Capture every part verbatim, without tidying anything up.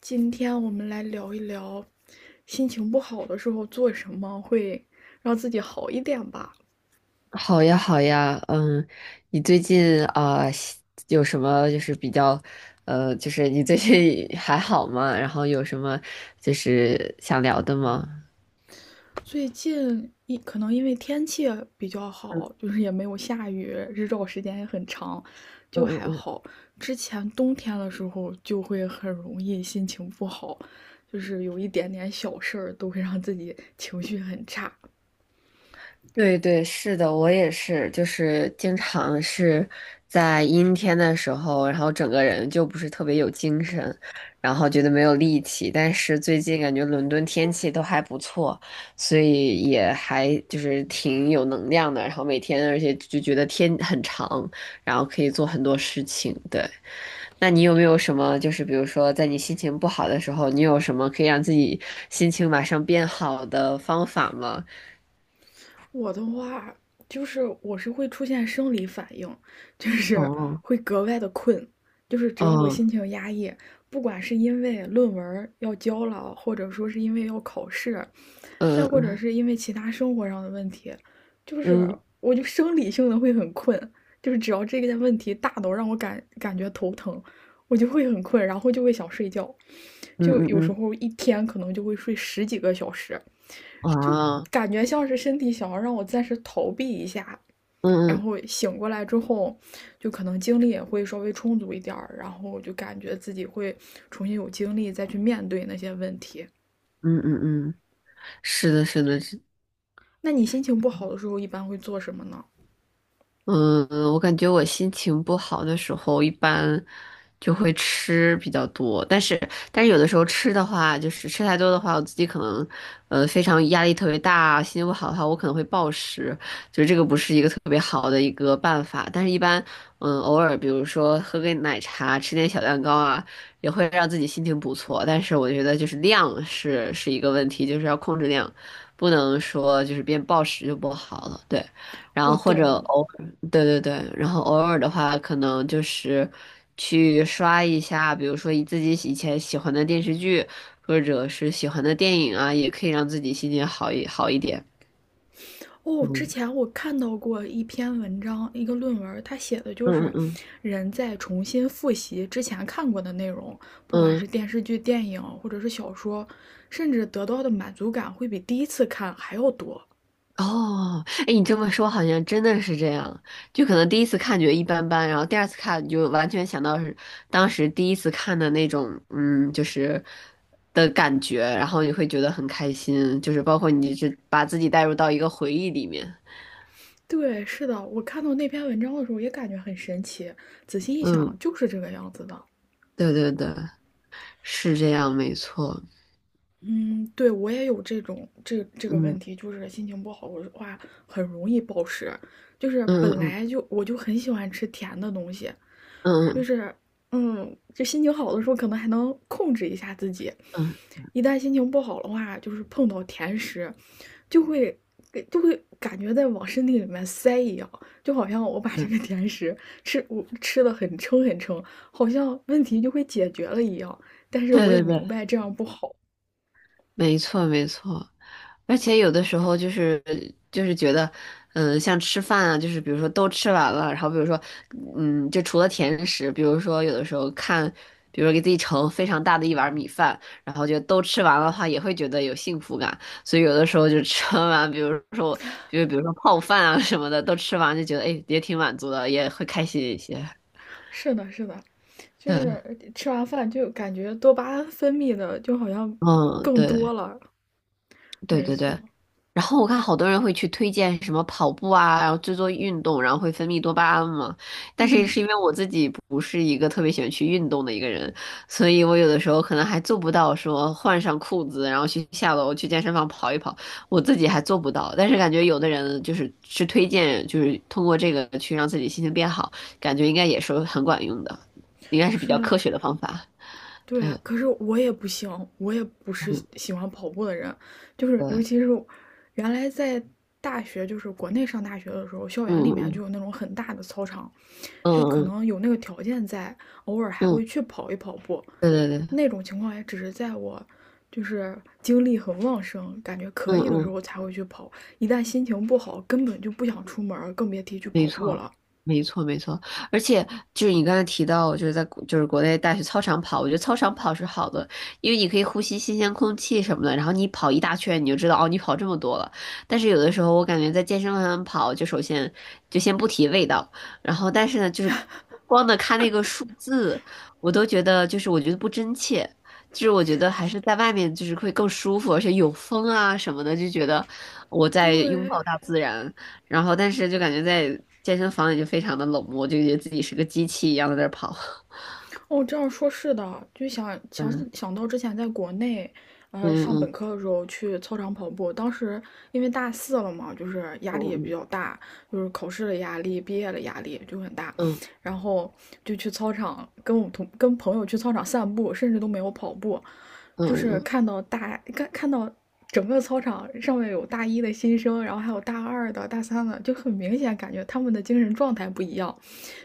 今天我们来聊一聊，心情不好的时候做什么会让自己好一点吧。好呀，好呀，嗯，你最近啊，喜有什么就是比较，呃，就是你最近 还好吗？然后有什么就是想聊的吗？最近一可能因为天气比较好，就是也没有下雨，日照时间也很长，嗯就嗯还嗯。好。之前冬天的时候就会很容易心情不好，就是有一点点小事儿都会让自己情绪很差。对对，是的，我也是，就是经常是在阴天的时候，然后整个人就不是特别有精神，然后觉得没有力气。但是最近感觉伦敦天气都还不错，所以也还就是挺有能量的。然后每天，而且就觉得天很长，然后可以做很多事情。对，那你有没有什么就是比如说在你心情不好的时候，你有什么可以让自己心情马上变好的方法吗？我的话就是我是会出现生理反应，就是哦会格外的困，就是只要我哦，心情压抑，不管是因为论文要交了，或者说是因为要考试，呃再或者嗯是因为其他生活上的问题，就是嗯我就生理性的会很困，就是只要这个问题大到让我感感觉头疼，我就会很困，然后就会想睡觉，嗯就嗯有时嗯候一天可能就会睡十几个小时。哦嗯就啊感觉像是身体想要让我暂时逃避一下，嗯然嗯后醒过来之后，就可能精力也会稍微充足一点儿，然后我就感觉自己会重新有精力再去面对那些问题。嗯嗯嗯，是的，是的，那你心情不好的时候一般会做什么呢？嗯，我感觉我心情不好的时候，一般就会吃比较多，但是但是有的时候吃的话，就是吃太多的话，我自己可能呃非常压力特别大，心情不好的话，我可能会暴食，就是这个不是一个特别好的一个办法。但是一般嗯偶尔，比如说喝杯奶茶，吃点小蛋糕啊，也会让自己心情不错。但是我觉得就是量是是一个问题，就是要控制量，不能说就是变暴食就不好了，对。然我后或者懂，偶对对对，然后偶尔的话，可能就是去刷一下，比如说以自己喜以前喜欢的电视剧，或者是喜欢的电影啊，也可以让自己心情好一好一点。哦，之嗯，前我看到过一篇文章，一个论文，它写的就嗯是嗯嗯人在重新复习之前看过的内容，不管是嗯，电视剧、电影或者是小说，甚至得到的满足感会比第一次看还要多。哦，哎，你这么说好像真的是这样，就可能第一次看觉得一般般，然后第二次看你就完全想到是当时第一次看的那种，嗯，就是的感觉，然后你会觉得很开心，就是包括你是把自己带入到一个回忆里面。对，是的，我看到那篇文章的时候也感觉很神奇，仔细一想嗯。就是这个样子的。对对对，是这样，没错。嗯，对，我也有这种这这个问嗯题，就是心情不好的话很容易暴食，就是嗯本嗯来就我就很喜欢吃甜的东西。嗯就嗯是，嗯，就心情好的时候可能还能控制一下自己，嗯一旦心情不好的话，就是碰到甜食，就会就会感觉在往身体里面塞一样，就好像我把这嗯，个甜食吃我吃的很撑很撑，好像问题就会解决了一样。但是对我也对对，明白这样不好。没错没错。而且有的时候就是就是觉得，嗯，像吃饭啊，就是比如说都吃完了，然后比如说，嗯，就除了甜食，比如说有的时候看，比如说给自己盛非常大的一碗米饭，然后就都吃完了的话，也会觉得有幸福感。所以有的时候就吃完，比如说就比如说泡饭啊什么的，都吃完就觉得，哎，也挺满足的，也会开心一些。是的，是的，就对。是吃完饭就感觉多巴胺分泌的就好像嗯，更多对了。对没对对。错，然后我看好多人会去推荐什么跑步啊，然后做做运动，然后会分泌多巴胺嘛。但是嗯，是因为我自己不是一个特别喜欢去运动的一个人，所以我有的时候可能还做不到说换上裤子，然后去下楼去健身房跑一跑，我自己还做不到。但是感觉有的人就是是推荐，就是通过这个去让自己心情变好，感觉应该也是很管用的，应该是比是较的，科学的方法。对对，啊，可是我也不行，我也不是嗯，喜欢跑步的人，就是对，尤嗯其是原来在大学，就是国内上大学的时候，校园里面就嗯有那种很大的操场，嗯就可嗯嗯。能有那个条件在，偶尔还嗯，会去跑一跑步。对对对，那种情况也只是在我就是精力很旺盛，感觉可嗯以的时嗯。候才会去跑，一旦心情不好，根本就不想出门，更别提去跑没步错，了。没错，没错。而且就是你刚才提到，就是在国就是国内大学操场跑，我觉得操场跑是好的，因为你可以呼吸新鲜空气什么的。然后你跑一大圈，你就知道哦，你跑这么多了。但是有的时候我感觉在健身房上跑，就首先就先不提味道，然后但是呢，就是光的看那个数字，我都觉得就是我觉得不真切。就是我觉得还是在外面就是会更舒服，而且有风啊什么的，就觉得我在拥对，抱大自然。然后但是就感觉在健身房里就非常的冷漠，就觉得自己是个机器一样在那儿跑。哦，这样说是的，就想想想到之前在国内，呃，嗯上本嗯科的时候去操场跑步，当时因为大四了嘛，就是压力也比嗯较大，就是考试的压力、毕业的压力就很大，嗯然后就去操场跟我同跟朋友去操场散步，甚至都没有跑步，嗯就是嗯看到大看看到整个操场上面有大一的新生，然后还有大二的、大三的，就很明显感觉他们的精神状态不一样。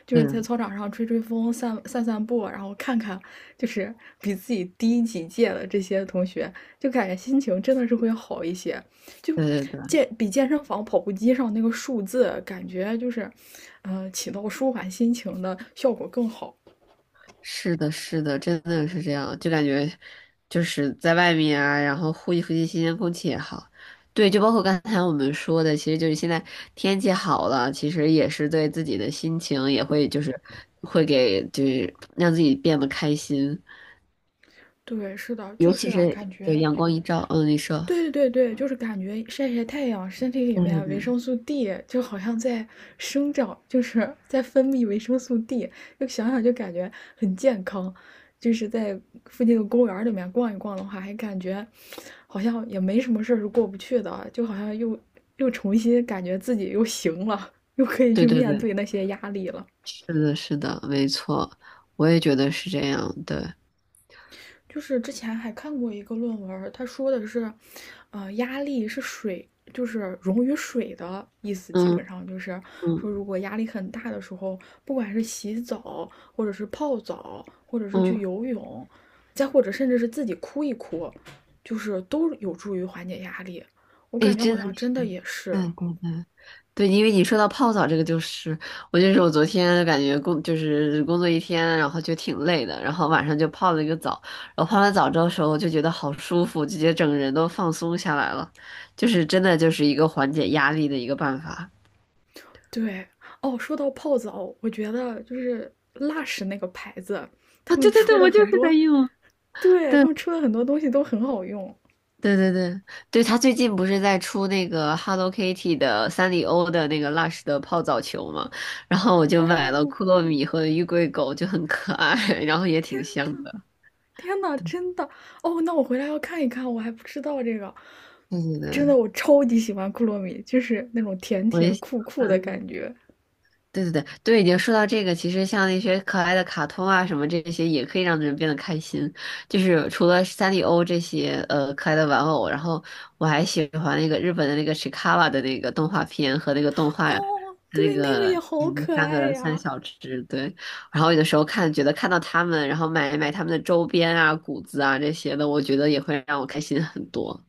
就嗯，是在嗯，操场上吹吹风、散散散步，然后看看就是比自己低几届的这些同学，就感觉心情真的是会好一些。就对对对，健比健身房跑步机上那个数字，感觉就是，呃，起到舒缓心情的效果更好。是的，是的，真的是这样，就感觉就是在外面啊，然后呼吸呼吸新鲜空气也好。对，就包括刚才我们说的，其实就是现在天气好了，其实也是对自己的心情也会就是会给就是让自己变得开心，对，是的，尤就是其是感对觉阳光一照，嗯，你说，对对对对，就是感觉晒晒太阳，身体里对面对啊维生对素 D 就好像在生长，就是在分泌维生素 D，就想想就感觉很健康。就是在附近的公园里面逛一逛的话，还感觉好像也没什么事儿是过不去的，就好像又又重新感觉自己又行了，又可以去对对面对。对那些压力了。是的，是的，没错，我也觉得是这样。对，就是之前还看过一个论文他说的是，呃，压力是水，就是溶于水的意思，基嗯本上就是说，嗯如果压力很大的时候，不管是洗澡，或者是泡澡，或者是去嗯，游泳，再或者甚至是自己哭一哭，就是都有助于缓解压力。我哎，感觉真好的像是，真的也是，嗯对对对，因为你说到泡澡这个，就是我就是我昨天感觉工就是工作一天，然后就挺累的，然后晚上就泡了一个澡，然后泡完澡之后的时候就觉得好舒服，直接整个人都放松下来了，就是真的就是一个缓解压力的一个办法。对哦。说到泡澡，我觉得就是 Lush 那个牌子，哦，他们对对出对，的我就很是在多，用。对对。他们出的很多东西都很好用。对对对，对，他最近不是在出那个 Hello Kitty 的三丽鸥的那个 Lush 的泡澡球嘛，然后我就买了哦，库洛米和玉桂狗，就很可爱，然后也挺香的。天呐，真的哦，那我回来要看一看，我还不知道这个，对对真的对，我超级喜欢库洛米，就是那种甜我也甜喜酷酷的感欢。觉。对对对对，经说到这个，其实像那些可爱的卡通啊什么这些，也可以让人变得开心。就是除了三丽鸥这些呃可爱的玩偶，然后我还喜欢那个日本的那个 Chikawa 的那个动画片和那个动画，哦，那对，那个个也好嗯那可三爱个三呀。小只，对。然后有的时候看觉得看到他们，然后买买他们的周边啊、谷子啊这些的，我觉得也会让我开心很多。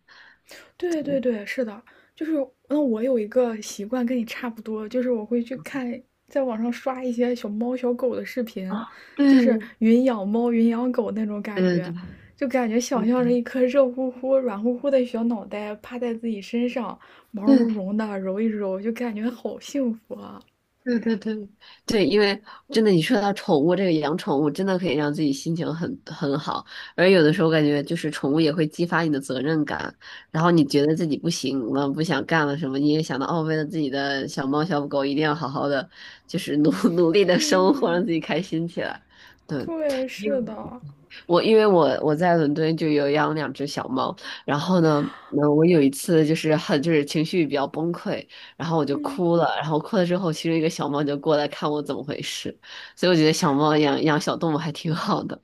对对对，是的，就是那我有一个习惯跟你差不多，就是我会去看，在网上刷一些小猫小狗的视频，啊，就是对云养猫、云养狗那种感对觉，对对。就感觉想象着一颗热乎乎、软乎乎的小脑袋趴在自己身上，毛对，茸茸的揉一揉，就感觉好幸福啊！对对对对，因为真的，你说到宠物这个养宠物，真的可以让自己心情很很好。而有的时候感觉就是宠物也会激发你的责任感，然后你觉得自己不行了、不想干了什么，你也想到哦，为了自己的小猫小狗，一定要好好的，就是努 努力的生活，嗯，让自己开心起来。对，对，是的，我因为我我在伦敦就有养两只小猫，然后呢，呃，我有一次就是很就是情绪比较崩溃，然后我就嗯，哭了，然后哭了之后，其中一个小猫就过来看我怎么回事，所以我觉得小猫养养小动物还挺好的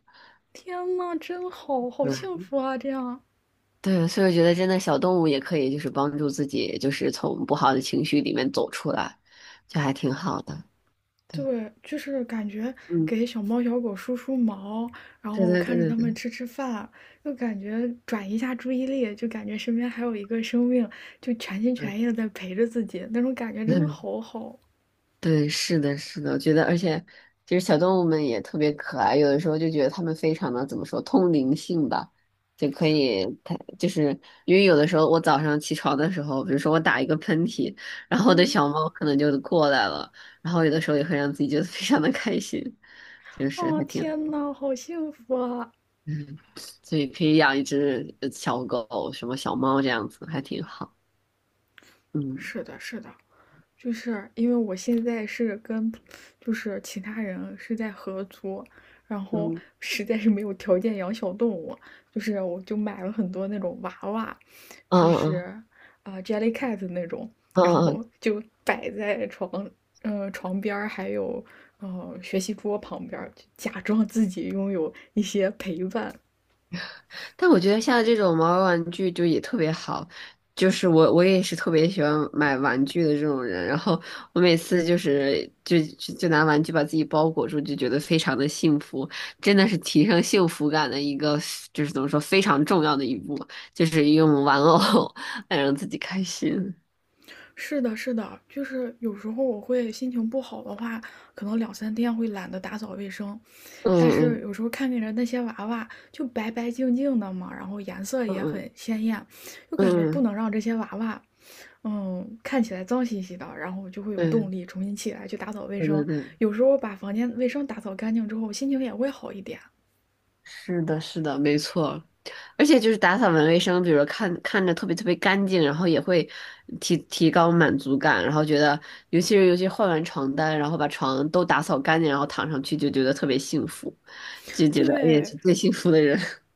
天呐，真好，好幸嗯，福啊！这样，对，所以我觉得真的小动物也可以就是帮助自己，就是从不好的情绪里面走出来，就还挺好的。对，对，就是感觉嗯，给小猫小狗梳梳毛，然对后对看对着对它们对，吃吃饭，就感觉转移一下注意力，就感觉身边还有一个生命，就全心嗯。全意的在陪着自己，那种感觉真的 好好。对，是的，是的，我觉得，而且其实小动物们也特别可爱，有的时候就觉得它们非常的怎么说，通灵性吧，就可以，它就是因为有的时候我早上起床的时候，比如说我打一个喷嚏，然后我的嗯，小猫可能就过来了，然后有的时候也会让自己觉得非常的开心，就是哦，还挺，天呐，好幸福啊！嗯，所以可以养一只呃小狗，什么小猫这样子，还挺好，嗯是的，是的。就是因为我现在是跟就是其他人是在合租，然后嗯，实在是没有条件养小动物，就是我就买了很多那种娃娃，就嗯嗯是嗯啊、呃 Jellycat 那种，嗯然嗯，后就摆在床呃床边还有呃学习桌旁边就假装自己拥有一些陪伴。但我觉得像这种毛绒玩具就也特别好，就是我我也是特别喜欢买玩具的这种人，然后我每次就是就就就拿玩具把自己包裹住，就觉得非常的幸福，真的是提升幸福感的一个，就是怎么说非常重要的一步，就是用玩偶 来让自己开心。是的，是的，就是有时候我会心情不好的话，可能两三天会懒得打扫卫生。但是嗯有时候看见着那些娃娃就白白净净的嘛，然后颜色嗯也嗯很鲜艳，就感觉嗯不嗯，能让这些娃娃，嗯，看起来脏兮兮的，然后我就会有动对力重新起来去打扫卫对对生。对。有时候把房间卫生打扫干净之后，心情也会好一点。是的，是的，没错。而且就是打扫完卫生，比如说看看着特别特别干净，然后也会提提高满足感，然后觉得，尤其是尤其换完床单，然后把床都打扫干净，然后躺上去就觉得特别幸福，就觉得哎呀，对，是最幸福的人。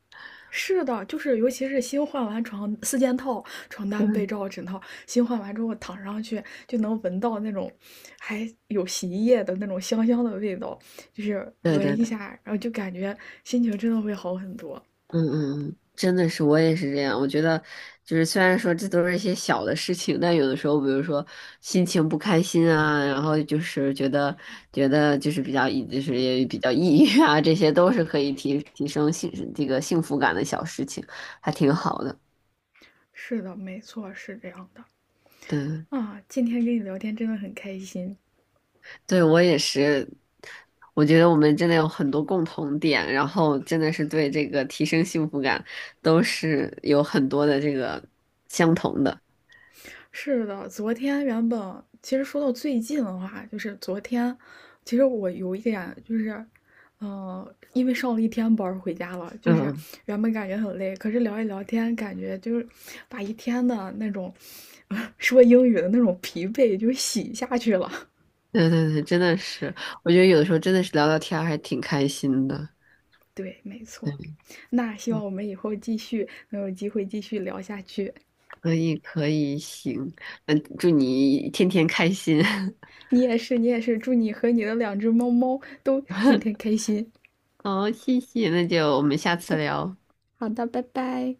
是的，就是尤其是新换完床四件套，床单、被罩、枕套，新换完之后躺上去就能闻到那种还有洗衣液的那种香香的味道，就是对对闻一对下，然后就感觉心情真的会好很多。嗯嗯嗯，真的是，我也是这样。我觉得，就是虽然说这都是一些小的事情，但有的时候，比如说心情不开心啊，然后就是觉得觉得就是比较抑，就是也比较抑郁啊，这些都是可以提提升幸这个幸福感的小事情，还挺好的。是的，没错，是这样的。对，啊，今天跟你聊天真的很开心。对我也是。我觉得我们真的有很多共同点，然后真的是对这个提升幸福感都是有很多的这个相同的。是的，昨天原本其实说到最近的话，就是昨天，其实我有一点就是，嗯，因为上了一天班儿回家了，就是嗯。原本感觉很累，可是聊一聊天，感觉就是把一天的那种 说英语的那种疲惫就洗下去了。对对对，真的是，我觉得有的时候真的是聊聊天儿还挺开心的。对，没错。对，那希望我们以后继续能有机会继续聊下去。可以可以，行，那祝你天天开心。你也是，你也是，祝你和你的两只猫猫都天天开心。好，谢谢，那就我们下次聊。拜拜好的，拜拜。